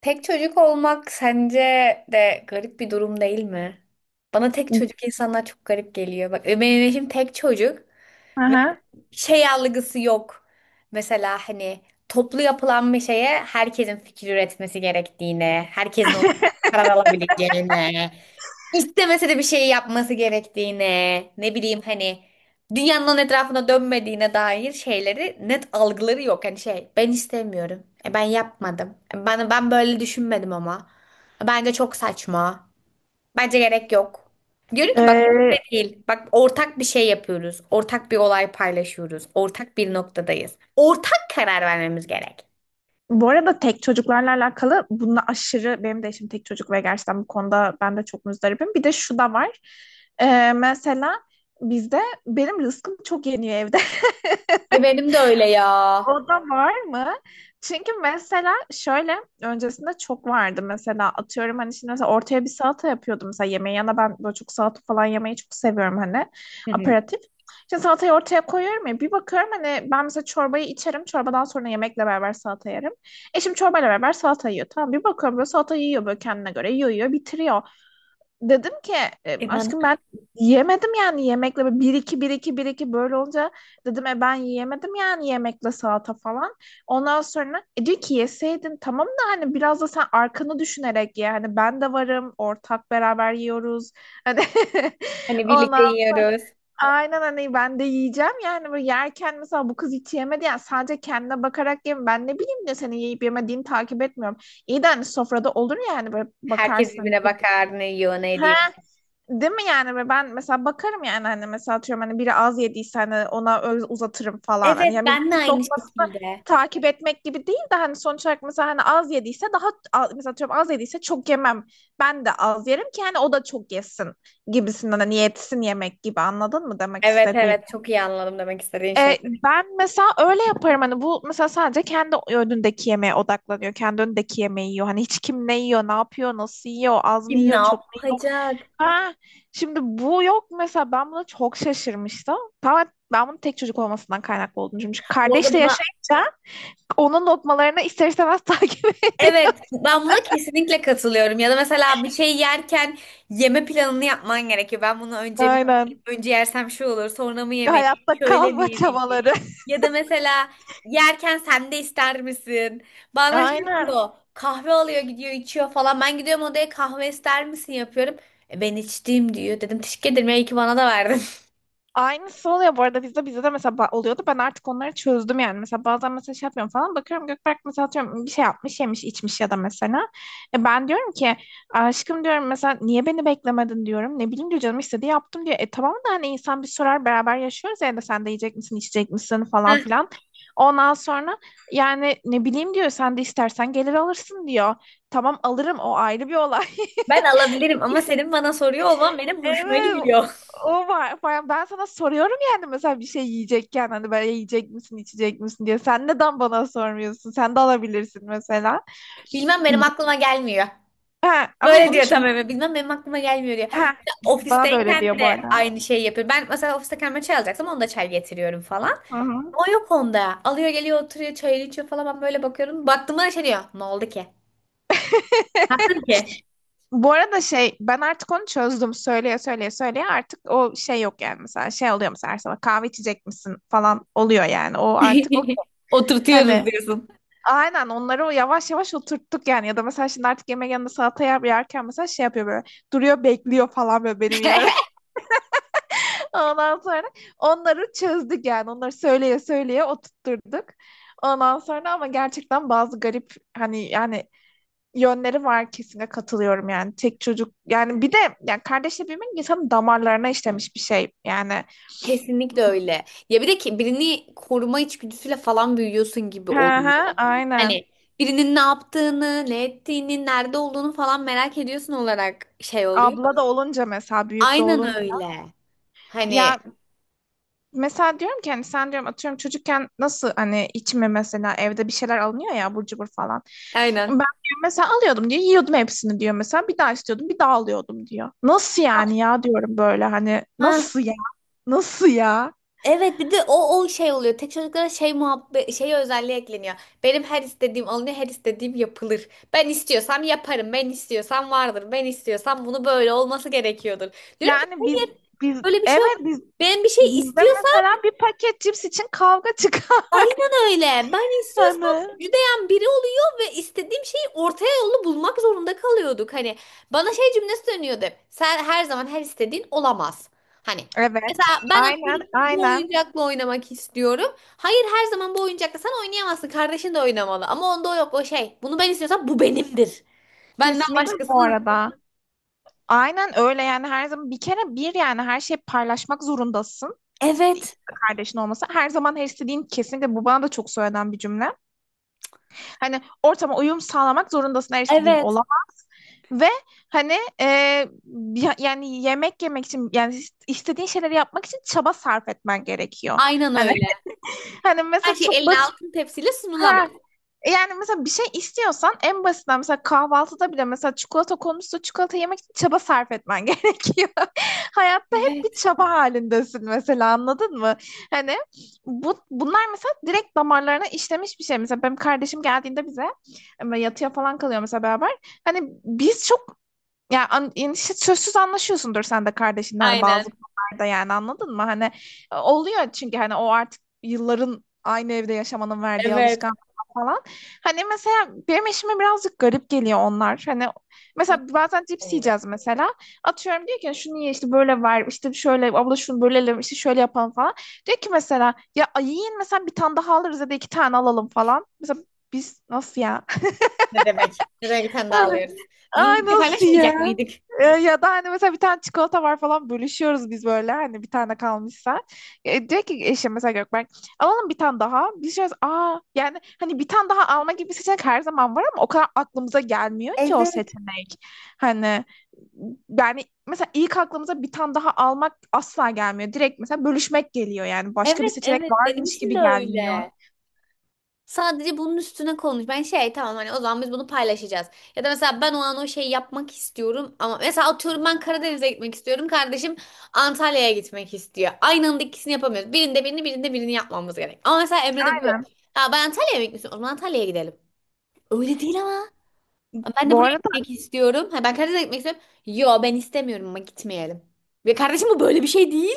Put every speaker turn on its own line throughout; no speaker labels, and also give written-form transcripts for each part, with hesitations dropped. Tek çocuk olmak sence de garip bir durum değil mi? Bana tek çocuk insanlar çok garip geliyor. Bak benim eşim tek çocuk ve
Aha.
şey algısı yok. Mesela hani toplu yapılan bir şeye herkesin fikir üretmesi gerektiğine, herkesin o karar alabileceğine istemese de bir şey yapması gerektiğine, ne bileyim hani dünyanın onun etrafına dönmediğine dair şeyleri net algıları yok. Hani şey ben istemiyorum. E, ben yapmadım. E, ben böyle düşünmedim ama. Bence çok saçma. Bence gerek yok. Diyorum ki bak
Ee,
böyle değil. Bak ortak bir şey yapıyoruz. Ortak bir olay paylaşıyoruz. Ortak bir noktadayız. Ortak karar vermemiz gerek.
Bu arada tek çocuklarla alakalı bununla aşırı benim de eşim tek çocuk ve gerçekten bu konuda ben de çok muzdaribim. Bir de şu da var. Mesela bizde benim rızkım çok yeniyor evde.
Ay benim de öyle ya.
O da var mı? Çünkü mesela şöyle öncesinde çok vardı mesela atıyorum hani şimdi mesela ortaya bir salata yapıyordum mesela yemeğe yana ben böyle çok salata falan yemeyi çok seviyorum hani
Hı hı.
aperatif. Şimdi salatayı ortaya koyuyorum ya bir bakıyorum hani ben mesela çorbayı içerim çorbadan sonra yemekle beraber salata yerim. Eşim çorbayla beraber salata yiyor tamam bir bakıyorum böyle salata yiyor böyle kendine göre yiyor yiyor bitiriyor. Dedim ki
E bana
aşkım ben yiyemedim yani yemekle böyle 1 2 1 2 1 2 böyle olunca dedim ben yiyemedim yani yemekle salata falan. Ondan sonra diyor ki yeseydin tamam da hani biraz da sen arkanı düşünerek ye. Hani ben de varım ortak beraber yiyoruz. Hani
hani
ondan
birlikte
sonra
yiyoruz.
aynen hani ben de yiyeceğim yani böyle yerken mesela bu kız hiç yemedi yani sadece kendine bakarak yem ben ne bileyim de senin yiyip yemediğini takip etmiyorum. İyi de hani sofrada olur yani böyle
Herkes
bakarsın.
birbirine bakar, ne yiyor, ne ediyor.
Ha. Değil mi yani ve ben mesela bakarım yani hani mesela atıyorum hani biri az yediyse hani ona öyle uzatırım falan.
Evet
Hani ya
ben de
milletin
aynı
lokmasını
şekilde.
takip etmek gibi değil de hani sonuç olarak mesela hani az yediyse daha mesela atıyorum az yediyse çok yemem. Ben de az yerim ki hani o da çok yesin gibisinden hani yetsin yemek gibi anladın mı demek
Evet,
istediğim.
evet, çok iyi anladım demek istediğin şey.
E, Ben mesela öyle yaparım hani bu mesela sadece kendi önündeki yemeğe odaklanıyor. Kendi önündeki yemeği yiyor. Hani hiç kim ne yiyor, ne yapıyor, nasıl yiyor, az mı
Kim ne
yiyor, çok.
yapacak?
Ha, şimdi bu yok mesela ben buna çok şaşırmıştım. Tamamen ben bunun tek çocuk olmasından kaynaklı olduğunu düşünmüşüm. Çünkü
Bu arada
kardeşle
bunu
yaşayınca onun lokmalarını ister istemez takip ediyor.
evet, ben buna kesinlikle katılıyorum. Ya da mesela bir şey yerken yeme planını yapman gerekiyor. Ben bunu önce mi
Aynen.
önce yersem şu olur, sonra mı yemeliyim,
Hayatta
şöyle mi
kalma
yemeliyim?
çabaları.
Ya da mesela yerken sen de ister misin? Bazen şey
Aynen.
diyor, kahve alıyor gidiyor içiyor falan. Ben gidiyorum odaya kahve ister misin yapıyorum. "E, ben içtiğim" diyor. Dedim teşekkür ederim ya, iyi ki bana da verdin.
Aynısı oluyor bu arada bizde de mesela oluyordu. Ben artık onları çözdüm yani. Mesela bazen mesela şey yapıyorum falan bakıyorum Gökberk mesela atıyorum bir şey yapmış yemiş içmiş ya da mesela. E ben diyorum ki aşkım diyorum mesela niye beni beklemedin diyorum. Ne bileyim diyor canım istedi yaptım diyor. E tamam da hani insan bir sorar beraber yaşıyoruz ya da sen de yiyecek misin içecek misin falan
Heh,
filan. Ondan sonra yani ne bileyim diyor sen de istersen gelir alırsın diyor. Tamam alırım o ayrı bir olay.
ben alabilirim ama senin bana soruyor olman benim hoşuma
Evet
gidiyor.
o var. Falan. Ben sana soruyorum yani mesela bir şey yiyecekken hani böyle yiyecek misin içecek misin diye. Sen neden bana sormuyorsun? Sen de alabilirsin mesela.
Bilmem, benim aklıma gelmiyor.
Ha, ama
Böyle
bunu
diyor
çöz...
tam eve. Bilmem benim aklıma gelmiyor diyor.
Ha, bana da öyle
Ofisteyken
diyor bu
de
arada.
aynı şeyi yapıyor. Ben mesela ofiste kendime çay alacaksam onu da çay getiriyorum falan.
Hı hı.
O yok onda. Alıyor geliyor oturuyor çayını içiyor falan. Ben böyle bakıyorum. Baktığımda da şey diyor. Ne oldu ki? Ne yaptın ki?
Bu arada şey ben artık onu çözdüm. Söyleye söyleye artık o şey yok yani mesela şey oluyor mesela her sabah kahve içecek misin falan oluyor yani. O artık
Oturtuyoruz
hani
diyorsun.
aynen onları o yavaş yavaş oturttuk yani ya da mesela şimdi artık yemek yanında salata yerken mesela şey yapıyor böyle duruyor bekliyor falan böyle benim yememi. Ondan sonra onları çözdük yani onları söyleye söyleye oturtturduk. Ondan sonra ama gerçekten bazı garip hani yani yönleri var kesinlikle katılıyorum yani tek çocuk yani bir de yani kardeşle büyümek insanın damarlarına işlemiş bir şey yani.
Kesinlikle öyle. Ya bir de ki birini koruma içgüdüsüyle falan büyüyorsun gibi
Hı
oluyor.
hı aynen,
Hani birinin ne yaptığını, ne ettiğini, nerede olduğunu falan merak ediyorsun olarak şey oluyor.
abla da olunca mesela büyük de
Aynen
olunca.
öyle. Hani
Ya mesela diyorum ki hani sen diyorum atıyorum çocukken nasıl hani içime mesela evde bir şeyler alınıyor ya abur cubur falan. Ben
aynen.
diyor mesela alıyordum diyor yiyordum hepsini diyor mesela bir daha istiyordum bir daha alıyordum diyor. Nasıl yani ya diyorum böyle hani
Ha,
nasıl ya nasıl ya?
evet bir de o şey oluyor. Tek çocuklara şey muhabbet şey özelliği ekleniyor. Benim her istediğim alınıyor, her istediğim yapılır. Ben istiyorsam yaparım, ben istiyorsam vardır, ben istiyorsam bunu böyle olması gerekiyordur. Diyorum ki
Yani
hayır,
biz
böyle bir şey yok.
evet biz
Ben bir şey
bizde
istiyorsam
mesela bir paket cips için kavga çıkar.
aynen öyle. Ben istiyorsam
Hani
müjdeyen biri oluyor ve istediğim şeyi ortaya yolunu bulmak zorunda kalıyorduk. Hani bana şey cümlesi dönüyordu hep: "Sen her zaman her istediğin olamaz." Hani
evet
mesela ben
aynen
atıyorum bu
aynen
oyuncakla oynamak istiyorum. Hayır, her zaman bu oyuncakla sen oynayamazsın. Kardeşin de oynamalı. Ama onda o yok, o şey. Bunu ben istiyorsam bu benimdir. Benden
kesinlikle bu
başkasının.
arada. Aynen öyle yani her zaman bir kere bir yani her şeyi paylaşmak zorundasın.
Evet.
Kardeşin olması her zaman her istediğin kesinlikle bu bana da çok söylenen bir cümle. Hani ortama uyum sağlamak zorundasın her istediğin
Evet.
olamaz. Ve hani e, yani yemek yemek için yani istediğin şeyleri yapmak için çaba sarf etmen gerekiyor.
Aynen
Hani
öyle.
hani
Her
mesela
şey
çok
eline
basit.
altın tepsiyle sunulamaz.
Ha. Yani mesela bir şey istiyorsan en basitinden mesela kahvaltıda bile mesela çikolata konusunda çikolata yemek için çaba sarf etmen gerekiyor. Hayatta hep bir
Evet.
çaba halindesin mesela anladın mı? Hani bunlar mesela direkt damarlarına işlemiş bir şey. Mesela benim kardeşim geldiğinde bize ama yatıya falan kalıyor mesela beraber. Hani biz çok ya yani işte sözsüz anlaşıyorsundur sen de kardeşinden hani bazı
Aynen.
konularda yani anladın mı? Hani oluyor çünkü hani o artık yılların aynı evde yaşamanın verdiği
Evet.
alışkanlık falan. Hani mesela benim eşime birazcık garip geliyor onlar. Hani
Nasıl
mesela bazen cips
oluyor?
yiyeceğiz mesela. Atıyorum diyor ki şunu ye işte böyle ver işte şöyle abla şunu bölelim işte şöyle yapalım falan. Diyor ki mesela ya yiyin mesela bir tane daha alırız ya da iki tane alalım falan. Mesela biz nasıl ya?
Ne demek? Ne demek bir tane daha
Yani,
alıyoruz. Biz
ay
bunu
nasıl ya?
paylaşmayacak mıydık?
Ya da hani mesela bir tane çikolata var falan bölüşüyoruz biz böyle hani bir tane kalmışsa. Diyor ki eşim mesela Gökberk alalım bir tane daha. Biz diyoruz aa yani hani bir tane daha alma gibi bir seçenek her zaman var ama o kadar aklımıza gelmiyor ki o
Evet,
seçenek. Hani yani mesela ilk aklımıza bir tane daha almak asla gelmiyor. Direkt mesela bölüşmek geliyor yani başka bir
evet,
seçenek
evet. Benim
varmış
için de
gibi gelmiyor.
öyle. Sadece bunun üstüne konuş. Ben şey tamam, hani o zaman biz bunu paylaşacağız. Ya da mesela ben o an o şeyi yapmak istiyorum ama mesela atıyorum ben Karadeniz'e gitmek istiyorum. Kardeşim Antalya'ya gitmek istiyor. Aynı anda ikisini yapamıyoruz. Birinde birini, birinde birini yapmamız gerek. Ama mesela Emre'de bu yok.
Aynen.
Ya ben Antalya'ya mı gitmek istiyorum? O zaman Antalya'ya gidelim. Öyle değil ama. Ben de
Bu
buraya
arada
gitmek istiyorum. Ha, ben Karadeniz'e gitmek istiyorum. Yo, ben istemiyorum ama gitmeyelim. Ve kardeşim bu böyle bir şey değil.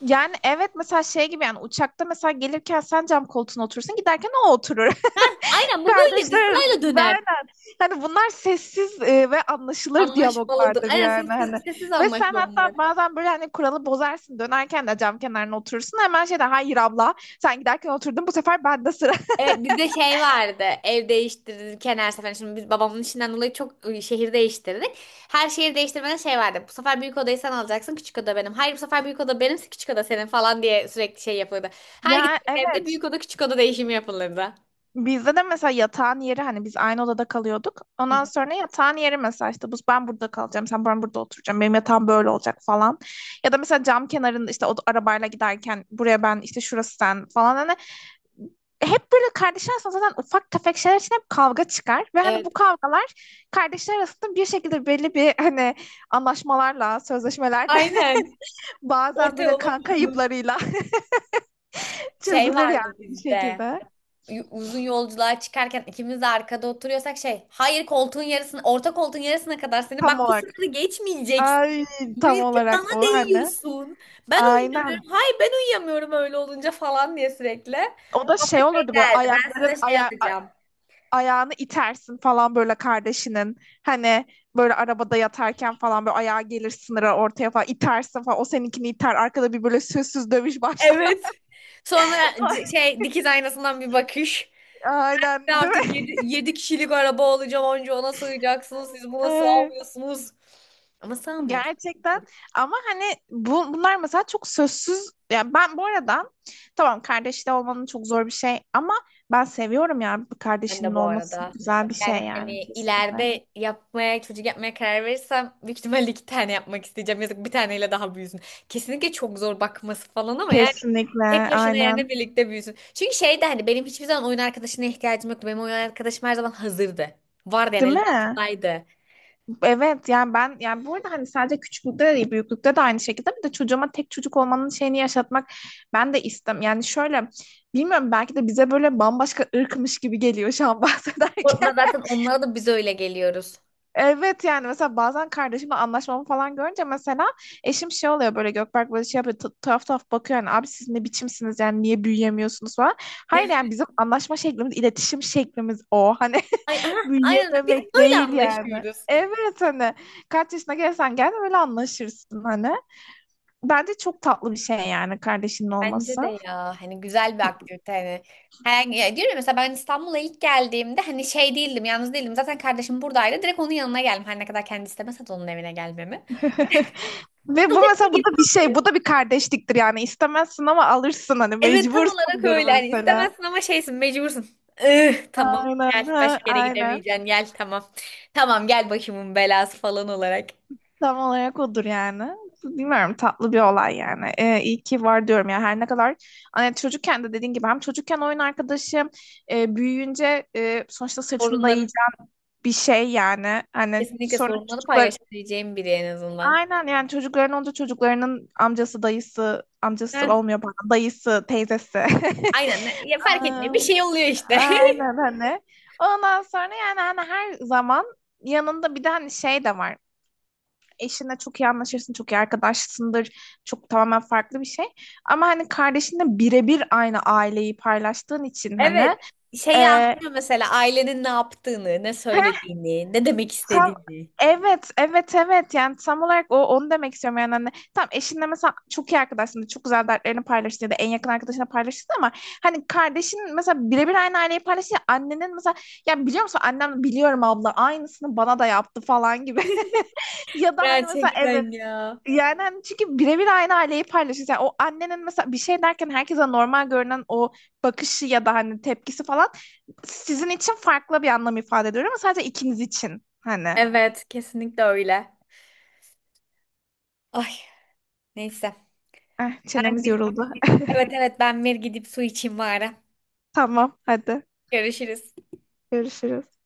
yani evet mesela şey gibi yani uçakta mesela gelirken sen cam koltuğuna oturursun giderken o oturur.
Ha, aynen bu böyledir.
Kardeşler
Sırayla
arasında
döner.
aynen. Hani bunlar sessiz ve anlaşılır
Anlaşmalıdır.
diyaloglardır
Aynen
yani
sessiz,
hani.
sessiz
Ve sen
anlaşma bunlar.
hatta bazen böyle hani kuralı bozarsın dönerken de cam kenarına oturursun hemen şey de hayır abla sen giderken oturdun bu sefer bende sıra.
Evet bizde şey vardı. Ev değiştirdik kenar sefer. Şimdi biz babamın işinden dolayı çok şehir değiştirdik. Her şehir değiştirmeden şey vardı. Bu sefer büyük odayı sen alacaksın. Küçük oda benim. Hayır, bu sefer büyük oda benim. Küçük oda senin falan diye sürekli şey yapılırdı. Her
Ya
gittiğim evde
evet.
büyük oda küçük oda değişimi yapılırdı.
Bizde de mesela yatağın yeri hani biz aynı odada kalıyorduk.
Hı
Ondan
hı.
sonra yatağın yeri mesela işte bu ben burada kalacağım, ben burada oturacağım. Benim yatağım böyle olacak falan. Ya da mesela cam kenarında işte o arabayla giderken buraya ben işte şurası sen falan hani hep böyle kardeşler arasında zaten ufak tefek şeyler için hep kavga çıkar. Ve hani bu
Evet.
kavgalar kardeşler arasında bir şekilde belli bir hani anlaşmalarla, sözleşmelerle
Aynen.
bazen
Orta
böyle
yola
kan
bozulur.
kayıplarıyla
Şey
çözülür yani
vardı
bir
bizde.
şekilde.
Uzun yolculuğa çıkarken ikimiz de arkada oturuyorsak şey, hayır, koltuğun yarısını, orta koltuğun yarısına kadar seni,
Tam
bak bu
olarak.
sınırı geçmeyeceksin.
Ay
Bu
tam
herif
olarak
bana
o hani.
değiyorsun. Ben
Aynen.
uyuyamıyorum. Hayır ben uyuyamıyorum öyle olunca falan diye sürekli.
O da
Babam da
şey
şey
olurdu böyle
derdi. Ben size
ayakların
şey
aya
alacağım.
ayağını itersin falan böyle kardeşinin. Hani böyle arabada yatarken falan böyle ayağa gelir sınıra ortaya falan itersin falan. O seninkini iter. Arkada bir böyle sözsüz dövüş başlar.
Evet. Sonra
Ay.
şey, dikiz aynasından bir bakış. "Ben
Aynen değil
artık
mi?
7, kişilik araba olacağım. Onca ona sığacaksınız. Siz buna
Ay.
sığamıyorsunuz." Ama sığamıyoruz.
Gerçekten ama hani bunlar mesela çok sözsüz yani ben bu arada tamam kardeşli olmanın çok zor bir şey ama ben seviyorum yani bir
Ben de
kardeşinin
bu
olması
arada.
güzel bir
Yani
şey yani
hani
kesinlikle.
ileride yapmaya, çocuk yapmaya karar verirsem büyük ihtimalle iki tane yapmak isteyeceğim. Yazık, bir taneyle daha büyüsün. Kesinlikle çok zor bakması falan ama yani tek
Kesinlikle
başına yerine
aynen
birlikte büyüsün. Çünkü şey de hani benim hiçbir zaman oyun arkadaşına ihtiyacım yoktu. Benim oyun arkadaşım her zaman hazırdı. Vardı yani,
değil
elimin
mi?
altındaydı.
Evet yani ben yani bu arada hani sadece küçüklükte de değil büyüklükte de aynı şekilde bir de çocuğuma tek çocuk olmanın şeyini yaşatmak ben de istem yani şöyle bilmiyorum belki de bize böyle bambaşka ırkmış gibi geliyor şu an bahsederken.
Korkma, zaten onlara da biz öyle geliyoruz.
Evet yani mesela bazen kardeşimle anlaşmamı falan görünce mesela eşim şey oluyor böyle Gökberk böyle şey yapıyor tuhaf tuhaf bakıyor yani abi siz ne biçimsiniz yani niye büyüyemiyorsunuz falan. Hayır yani bizim anlaşma şeklimiz iletişim şeklimiz o hani
Ay, aha, aynen öyle. Biz
büyüyememek
böyle
değil yani.
anlaşıyoruz.
Evet hani kaç yaşına gelsen gel öyle anlaşırsın hani. Bence çok tatlı bir şey yani kardeşinin olması.
Bence de ya hani güzel bir aktivite hani. Her, ya diyorum ya, mesela ben İstanbul'a ilk geldiğimde hani şey değildim, yalnız değildim, zaten kardeşim buradaydı, direkt onun yanına geldim her ne kadar kendi istemese de onun evine gelmemi.
Ve bu
Kalacak bir
mesela bu
yerim
da bir şey,
yoktu.
bu da bir kardeşliktir yani istemezsin ama alırsın hani
Evet tam olarak
mecbursundur
öyle, hani
mesela.
istemezsin ama şeysin, mecbursun. Tamam gel,
Aynen, ha,
başka yere
aynen.
gidemeyeceksin gel, tamam. Tamam gel başımın belası falan olarak.
Tam olarak odur yani. Bilmiyorum tatlı bir olay yani. İyi ki var diyorum ya her ne kadar hani çocukken de dediğin gibi hem çocukken oyun arkadaşım büyüyünce sonuçta sırtını
Sorunları,
dayayacak bir şey yani. Hani
kesinlikle
sonra
sorunları
çocuklar
paylaşabileceğim biri en azından.
aynen yani çocukların olunca çocuklarının amcası dayısı
Heh,
olmuyor bana dayısı teyzesi.
aynen ya fark etmiyor,
Aa,
bir şey oluyor işte.
aynen hani. Ondan sonra yani hani her zaman yanında bir de hani şey de var. Eşinle çok iyi anlaşırsın, çok iyi arkadaşsındır. Çok tamamen farklı bir şey. Ama hani kardeşinle birebir aynı aileyi paylaştığın için hani
Evet, şeyi
e,
anlıyor mesela, ailenin ne yaptığını, ne
heh,
söylediğini, ne demek
tam
istediğini.
evet, evet. Yani tam olarak o onu demek istiyorum yani hani tam eşinle mesela çok iyi arkadaşsın, çok güzel dertlerini paylaştın ya da en yakın arkadaşına paylaştın ama hani kardeşin mesela birebir aynı aileyi paylaşınca annenin mesela ya biliyor musun annem biliyorum abla aynısını bana da yaptı falan gibi ya da hani mesela evet.
Gerçekten ya.
Yani hani çünkü birebir aynı aileyi paylaşıyorsun. Yani o annenin mesela bir şey derken herkese normal görünen o bakışı ya da hani tepkisi falan sizin için farklı bir anlam ifade ediyor ama sadece ikiniz için hani.
Evet, kesinlikle öyle. Ay, neyse.
Eh,
Ben
çenemiz
bir,
yoruldu.
evet evet ben bir gidip su içeyim bari.
Tamam, hadi.
Görüşürüz.
Görüşürüz.